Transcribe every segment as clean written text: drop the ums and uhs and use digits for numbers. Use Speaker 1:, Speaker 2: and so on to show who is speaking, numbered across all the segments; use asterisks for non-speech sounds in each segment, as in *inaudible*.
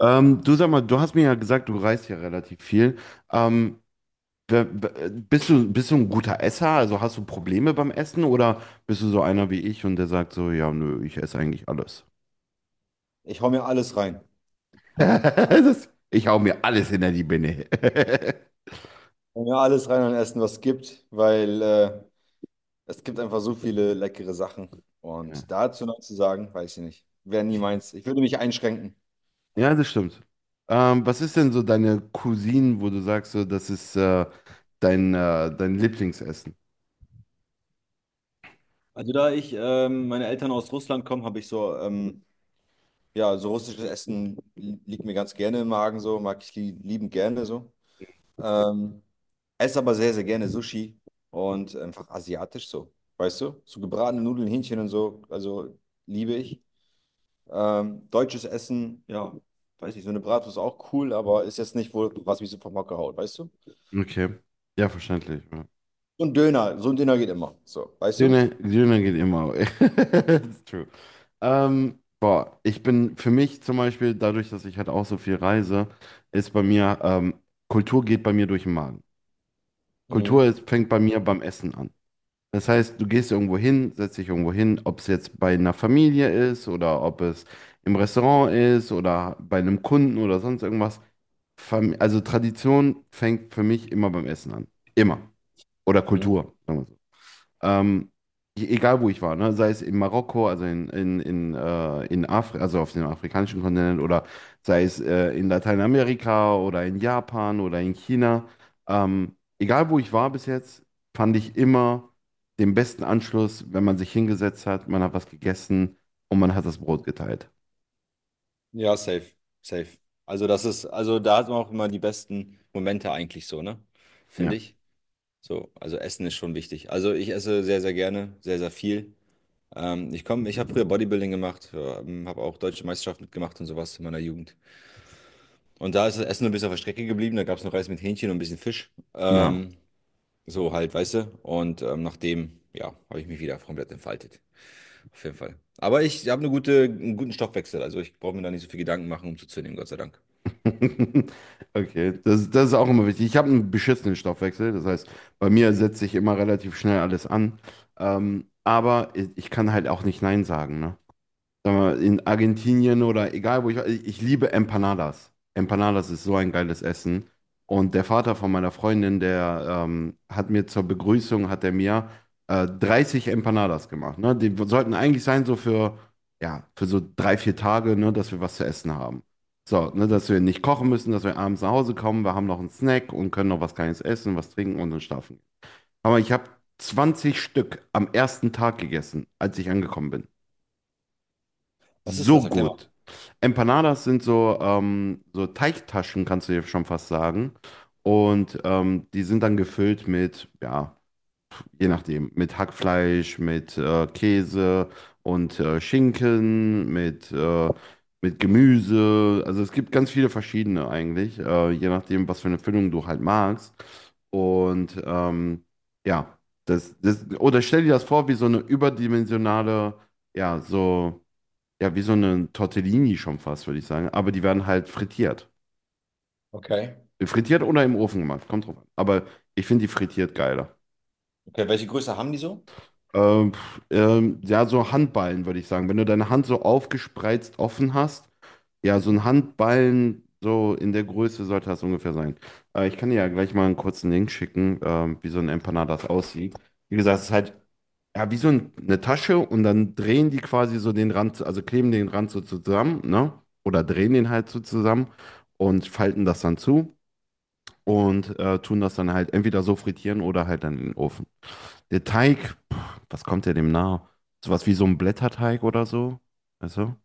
Speaker 1: Du sag mal, du hast mir ja gesagt, du reist ja relativ viel. Ähm, Bist du, bist du ein guter Esser? Also hast du Probleme beim Essen oder bist du so einer wie ich und der sagt so, ja, nö, ich esse eigentlich alles.
Speaker 2: Ich hau mir alles rein.
Speaker 1: *laughs*
Speaker 2: Ich
Speaker 1: Das, ich hau mir alles hinter die Birne. *laughs*
Speaker 2: hau mir alles rein an Essen, was es gibt, weil es gibt einfach so viele leckere Sachen.
Speaker 1: Ja,
Speaker 2: Und dazu noch zu sagen, weiß ich nicht. Wäre nie meins. Ich würde mich einschränken.
Speaker 1: Ja, das stimmt. Was ist denn so deine Cousine, wo du sagst, so, das ist dein, dein Lieblingsessen?
Speaker 2: Also da ich, meine Eltern aus Russland kommen, habe ich so, ja, so russisches Essen liegt mir ganz gerne im Magen, so, mag ich li liebend gerne so. Ähm, esse aber sehr, sehr gerne Sushi und einfach asiatisch so. Weißt du? So gebratene Nudeln, Hähnchen und so, also liebe ich. Deutsches Essen, ja, weiß nicht, so eine Bratwurst ist auch cool, aber ist jetzt nicht wohl, was mich so vom Hocker haut, weißt du?
Speaker 1: Okay. Ja, verständlich, ja.
Speaker 2: So ein Döner geht immer, so, weißt du?
Speaker 1: Döner, Döner geht immer. *laughs* It's true. Boah, ich bin für mich zum Beispiel, dadurch, dass ich halt auch so viel reise, ist bei mir, Kultur geht bei mir durch den Magen. Kultur
Speaker 2: Mhm.
Speaker 1: ist, fängt bei mir beim Essen an. Das heißt, du gehst irgendwo hin, setzt dich irgendwo hin, ob es jetzt bei einer Familie ist oder ob es im Restaurant ist oder bei einem Kunden oder sonst irgendwas. Also Tradition fängt für mich immer beim Essen an. Immer. Oder
Speaker 2: Mhm.
Speaker 1: Kultur. Ähm, Egal wo ich war, ne? Sei es in Marokko, also in Afri also auf dem afrikanischen Kontinent oder sei es in Lateinamerika oder in Japan oder in China. Egal wo ich war bis jetzt, fand ich immer den besten Anschluss, wenn man sich hingesetzt hat, man hat was gegessen und man hat das Brot geteilt.
Speaker 2: Ja, safe, safe. Also das ist, also da hat man auch immer die besten Momente eigentlich so, ne? Finde
Speaker 1: Ja.
Speaker 2: ich. So, also Essen ist schon wichtig. Also ich esse sehr, sehr gerne, sehr, sehr viel. Ich komme, ich habe früher Bodybuilding gemacht, habe auch deutsche Meisterschaft mitgemacht und sowas in meiner Jugend. Und da ist das Essen ein bisschen auf der Strecke geblieben. Da gab es noch Reis mit Hähnchen und ein bisschen Fisch.
Speaker 1: Ja.
Speaker 2: So halt, weißt du? Und nachdem, ja, habe ich mich wieder komplett entfaltet. Auf jeden Fall. Aber ich habe eine gute, einen guten Stoffwechsel. Also ich brauche mir da nicht so viel Gedanken machen, um zuzunehmen, Gott sei Dank.
Speaker 1: *laughs* Okay, das, das ist auch immer wichtig. Ich habe einen beschissenen Stoffwechsel, das heißt, bei mir setzt sich immer relativ schnell alles an. Aber ich kann halt auch nicht Nein sagen, ne? Sag mal, in Argentinien oder egal wo ich war, ich liebe Empanadas. Empanadas ist so ein geiles Essen. Und der Vater von meiner Freundin, der hat mir zur Begrüßung, hat er mir 30 Empanadas gemacht. Ne? Die sollten eigentlich sein so für, ja, für so drei, vier Tage, ne, dass wir was zu essen haben. So, ne, dass wir nicht kochen müssen, dass wir abends nach Hause kommen, wir haben noch einen Snack und können noch was Kleines essen, was trinken und dann schlafen. Aber ich habe 20 Stück am ersten Tag gegessen, als ich angekommen bin.
Speaker 2: Was ist
Speaker 1: So
Speaker 2: das? Erklär mal.
Speaker 1: gut. Empanadas sind so, so Teigtaschen, kannst du dir schon fast sagen. Und die sind dann gefüllt mit, ja, je nachdem, mit Hackfleisch, mit Käse und Schinken, mit Gemüse. Also es gibt ganz viele verschiedene eigentlich, je nachdem, was für eine Füllung du halt magst. Und ja, oder stell dir das vor, wie so eine überdimensionale, ja, so ja, wie so eine Tortellini schon fast, würde ich sagen. Aber die werden halt frittiert.
Speaker 2: Okay.
Speaker 1: Frittiert oder im Ofen gemacht, kommt drauf an. Aber ich finde die frittiert geiler.
Speaker 2: Okay, welche Größe haben die so?
Speaker 1: Ja, so Handballen, würde ich sagen. Wenn du deine Hand so aufgespreizt offen hast, ja, so ein
Speaker 2: Mhm.
Speaker 1: Handballen, so in der Größe sollte das ungefähr sein. Ich kann dir ja gleich mal einen kurzen Link schicken, wie so ein Empanadas aussieht. Wie gesagt, es ist halt ja, wie so ein, eine Tasche und dann drehen die quasi so den Rand, also kleben den Rand so zusammen, ne? Oder drehen den halt so zusammen und falten das dann zu und tun das dann halt entweder so frittieren oder halt dann in den Ofen. Der Teig, pff, was kommt der dem nahe? Sowas wie so ein Blätterteig oder so, weißt du?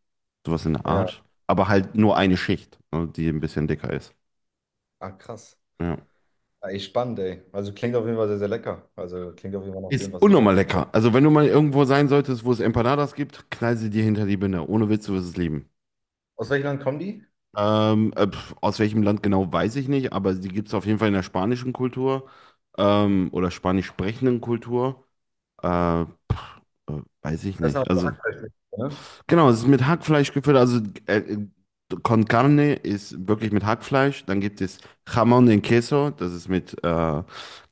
Speaker 1: Sowas in der
Speaker 2: Ja,
Speaker 1: Art. Aber halt nur eine Schicht, ne, die ein bisschen dicker ist.
Speaker 2: ah, krass.
Speaker 1: Ja.
Speaker 2: Ah, echt spannend, ey. Also klingt auf jeden Fall sehr, sehr lecker. Also klingt auf jeden Fall nach
Speaker 1: Ist
Speaker 2: dem, was ich auch.
Speaker 1: unnormal lecker. Also wenn du mal irgendwo sein solltest, wo es Empanadas gibt, knall sie dir hinter die Binde. Ohne Witz, du wirst es lieben.
Speaker 2: Aus welchem Land kommen die?
Speaker 1: Aus welchem Land genau weiß ich nicht, aber die gibt es auf jeden Fall in der spanischen Kultur oder spanisch sprechenden Kultur. Äh, pf, Weiß ich
Speaker 2: Das ist eine
Speaker 1: nicht. Also,
Speaker 2: Hackfleischmischung, ne?
Speaker 1: genau, es ist mit Hackfleisch gefüllt. Also, äh, äh, con carne ist wirklich mit Hackfleisch. Dann gibt es Jamón en Queso, das ist mit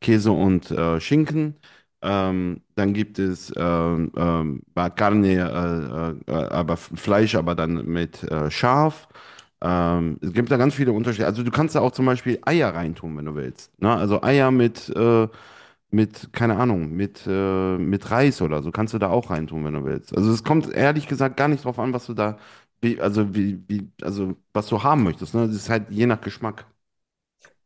Speaker 1: Käse und Schinken. Dann gibt es Carne, aber Fleisch, aber dann mit Schaf. Es gibt da ganz viele Unterschiede. Also du kannst da auch zum Beispiel Eier reintun, wenn du willst. Ne? Also Eier mit, keine Ahnung, mit Reis oder so kannst du da auch reintun, wenn du willst. Also es kommt ehrlich gesagt gar nicht drauf an, was du da, wie, also wie, wie, also was du haben möchtest. Ne? Das ist halt je nach Geschmack.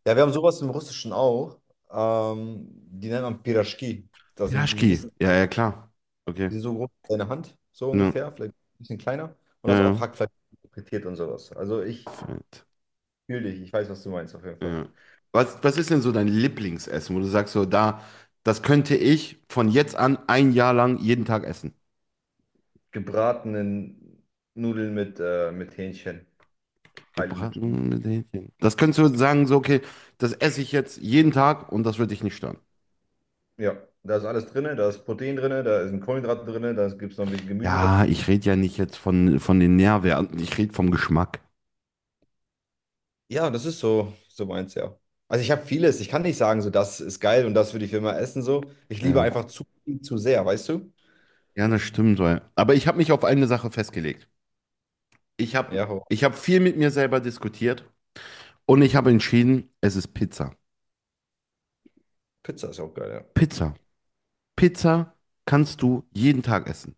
Speaker 2: Ja, wir haben sowas im Russischen auch. Die nennt man Piraschki. Das sind die ein
Speaker 1: Pilaschki.
Speaker 2: bisschen.
Speaker 1: Ja, ja, klar. Okay.
Speaker 2: Die sind so groß wie deine Hand, so
Speaker 1: Ne.
Speaker 2: ungefähr, vielleicht ein bisschen kleiner. Und
Speaker 1: Ja,
Speaker 2: das auch
Speaker 1: ja.
Speaker 2: Hackfleisch, frittiert und sowas. Also ich
Speaker 1: Fett.
Speaker 2: fühle dich, ich weiß, was du meinst auf jeden Fall.
Speaker 1: Ja. Was, was ist denn so dein Lieblingsessen, wo du sagst, so da, das könnte ich von jetzt an ein Jahr lang jeden Tag essen?
Speaker 2: Gebratenen Nudeln mit Hähnchen, thailändisch.
Speaker 1: Gebraten mit Hähnchen. Das könntest du sagen, so, okay, das esse ich jetzt jeden Tag und das wird dich nicht stören.
Speaker 2: Ja, da ist alles drin, da ist Protein drin, da ist ein Kohlenhydrat drin, da gibt es noch ein bisschen Gemüse
Speaker 1: Ja,
Speaker 2: dazu.
Speaker 1: ich rede ja nicht jetzt von den Nährwerten, ich rede vom Geschmack.
Speaker 2: Ja, das ist so, so meins, ja. Also ich habe vieles, ich kann nicht sagen, so das ist geil und das würde ich immer essen, so. Ich liebe einfach
Speaker 1: Ja.
Speaker 2: zu viel, zu sehr, weißt du?
Speaker 1: Ja, das stimmt. Weil, aber ich habe mich auf eine Sache festgelegt. Ich habe
Speaker 2: Ja, aber
Speaker 1: ich hab viel mit mir selber diskutiert und ich habe entschieden, es ist Pizza.
Speaker 2: Pizza ist auch geil, ja.
Speaker 1: Pizza. Pizza kannst du jeden Tag essen.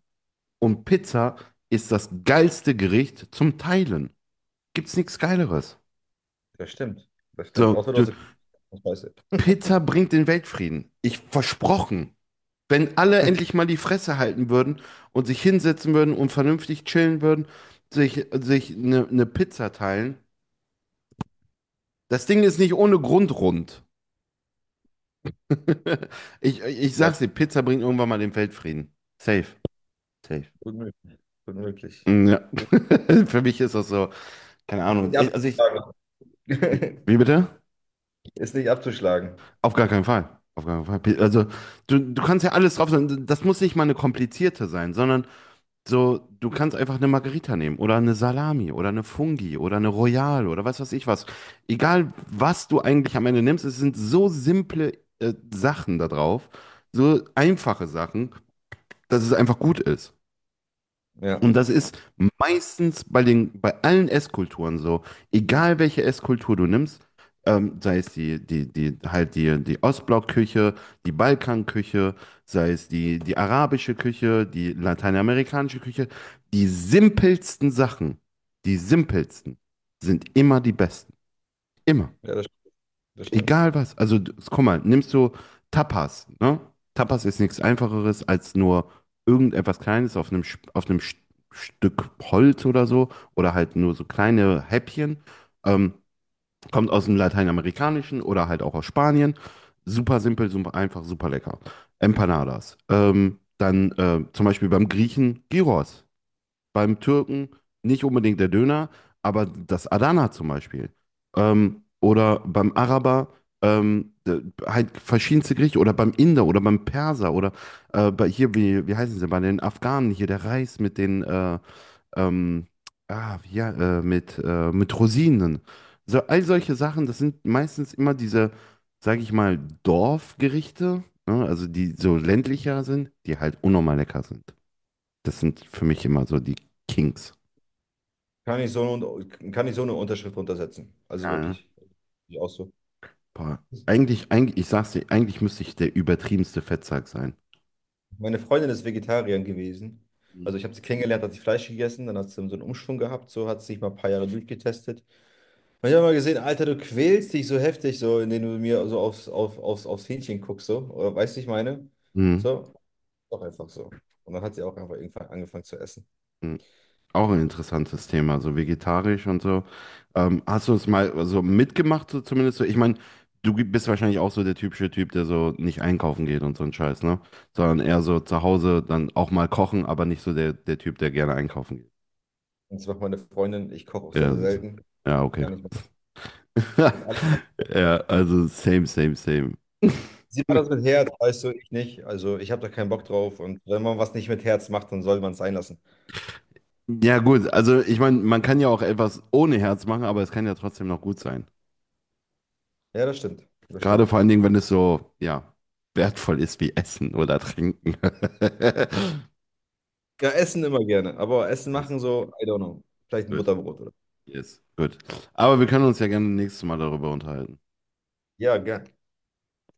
Speaker 1: Und Pizza ist das geilste Gericht zum Teilen. Gibt's nichts Geileres.
Speaker 2: Das stimmt, das stimmt.
Speaker 1: So,
Speaker 2: Außer du
Speaker 1: du,
Speaker 2: hast eine Scheiße.
Speaker 1: Pizza bringt den Weltfrieden. Ich versprochen. Wenn alle endlich mal die Fresse halten würden und sich hinsetzen würden und vernünftig chillen würden, sich eine Pizza teilen. Das Ding ist nicht ohne Grund rund. *laughs* Ich
Speaker 2: Ja,
Speaker 1: sag's dir, Pizza bringt irgendwann mal den Weltfrieden. Safe, safe.
Speaker 2: gut möglich. Gut möglich.
Speaker 1: Ja.
Speaker 2: Ist
Speaker 1: *laughs* Für mich ist das so, keine Ahnung.
Speaker 2: nicht
Speaker 1: Ich- Also ich,
Speaker 2: abzuschlagen. *laughs*
Speaker 1: wie bitte?
Speaker 2: Ist nicht abzuschlagen.
Speaker 1: Auf gar keinen Fall. Auf gar keinen Fall. Pi- Also du kannst ja alles drauf sein. Das muss nicht mal eine komplizierte sein, sondern so, du kannst einfach eine Margarita nehmen oder eine Salami oder eine Fungi oder eine Royale oder was weiß ich was. Egal, was du eigentlich am Ende nimmst, es sind so simple Sachen da drauf, so einfache Sachen, dass es einfach gut ist.
Speaker 2: Ja,
Speaker 1: Und das ist meistens bei den, bei allen Esskulturen so. Egal welche Esskultur du nimmst, sei es die Ostblockküche, die Balkanküche, sei es die arabische Küche, die lateinamerikanische Küche, die simpelsten Sachen, die simpelsten sind immer die besten. Immer.
Speaker 2: ja, das stimmt.
Speaker 1: Egal was. Also, guck mal, nimmst du Tapas, ne? Tapas ist nichts Einfacheres als nur irgendetwas Kleines auf einem Stück Holz oder so oder halt nur so kleine Häppchen. Ähm, Kommt aus dem Lateinamerikanischen oder halt auch aus Spanien. Super simpel, super einfach, super lecker. Empanadas. Dann zum Beispiel beim Griechen Gyros, beim Türken nicht unbedingt der Döner, aber das Adana zum Beispiel. Oder beim Araber halt verschiedenste Gerichte oder beim Inder oder beim Perser oder bei hier, wie, wie heißen sie, bei den Afghanen hier, der Reis mit den, ähm, wie, ja, mit Rosinen. So, all solche Sachen, das sind meistens immer diese, sage ich mal, Dorfgerichte, ne? Also die so ländlicher sind, die halt unnormal lecker sind. Das sind für mich immer so die Kings.
Speaker 2: Kann ich so eine, kann ich so eine Unterschrift runtersetzen. Also
Speaker 1: Ja.
Speaker 2: wirklich. Ich auch so.
Speaker 1: Boah. Eigentlich, eigentlich, ich sag's dir, eigentlich müsste ich der übertriebenste Fettsack sein.
Speaker 2: Meine Freundin ist Vegetarierin gewesen.
Speaker 1: Mhm.
Speaker 2: Also ich habe sie kennengelernt, hat sie Fleisch gegessen, dann hat sie so einen Umschwung gehabt, so hat sie sich mal ein paar Jahre durchgetestet. Und ich habe mal gesehen, Alter, du quälst dich so heftig, so indem du mir so aufs Hähnchen guckst, so. Oder weißt du, ich meine?
Speaker 1: Mhm.
Speaker 2: So, doch einfach so. Und dann hat sie auch einfach irgendwann angefangen zu essen.
Speaker 1: Mhm. Auch ein interessantes Thema, so vegetarisch und so. Hast du es mal so mitgemacht, so zumindest so? Ich meine, du bist wahrscheinlich auch so der typische Typ, der so nicht einkaufen geht und so ein Scheiß, ne? Sondern eher so zu Hause dann auch mal kochen, aber nicht so der Typ, der gerne einkaufen geht.
Speaker 2: Und das macht meine Freundin. Ich koche auch sehr,
Speaker 1: Ja,
Speaker 2: sehr
Speaker 1: siehst du.
Speaker 2: selten.
Speaker 1: Ja, okay.
Speaker 2: Gar nicht mehr.
Speaker 1: *laughs* Ja, also same, same, same.
Speaker 2: Sie macht das
Speaker 1: *laughs*
Speaker 2: mit Herz, weißt du, ich nicht. Also ich habe da keinen Bock drauf. Und wenn man was nicht mit Herz macht, dann soll man es sein lassen.
Speaker 1: Ja, gut, also ich meine, man kann ja auch etwas ohne Herz machen, aber es kann ja trotzdem noch gut sein.
Speaker 2: Ja, das stimmt. Das
Speaker 1: Gerade
Speaker 2: stimmt.
Speaker 1: vor allen Dingen, wenn es so, ja, wertvoll ist wie Essen oder Trinken. *laughs*
Speaker 2: Ja, essen immer gerne. Aber Essen
Speaker 1: Yes,
Speaker 2: machen so, I don't know. Vielleicht ein
Speaker 1: gut,
Speaker 2: Butterbrot oder so.
Speaker 1: yes, gut. Aber wir können uns ja gerne nächstes Mal darüber unterhalten.
Speaker 2: Ja, gern.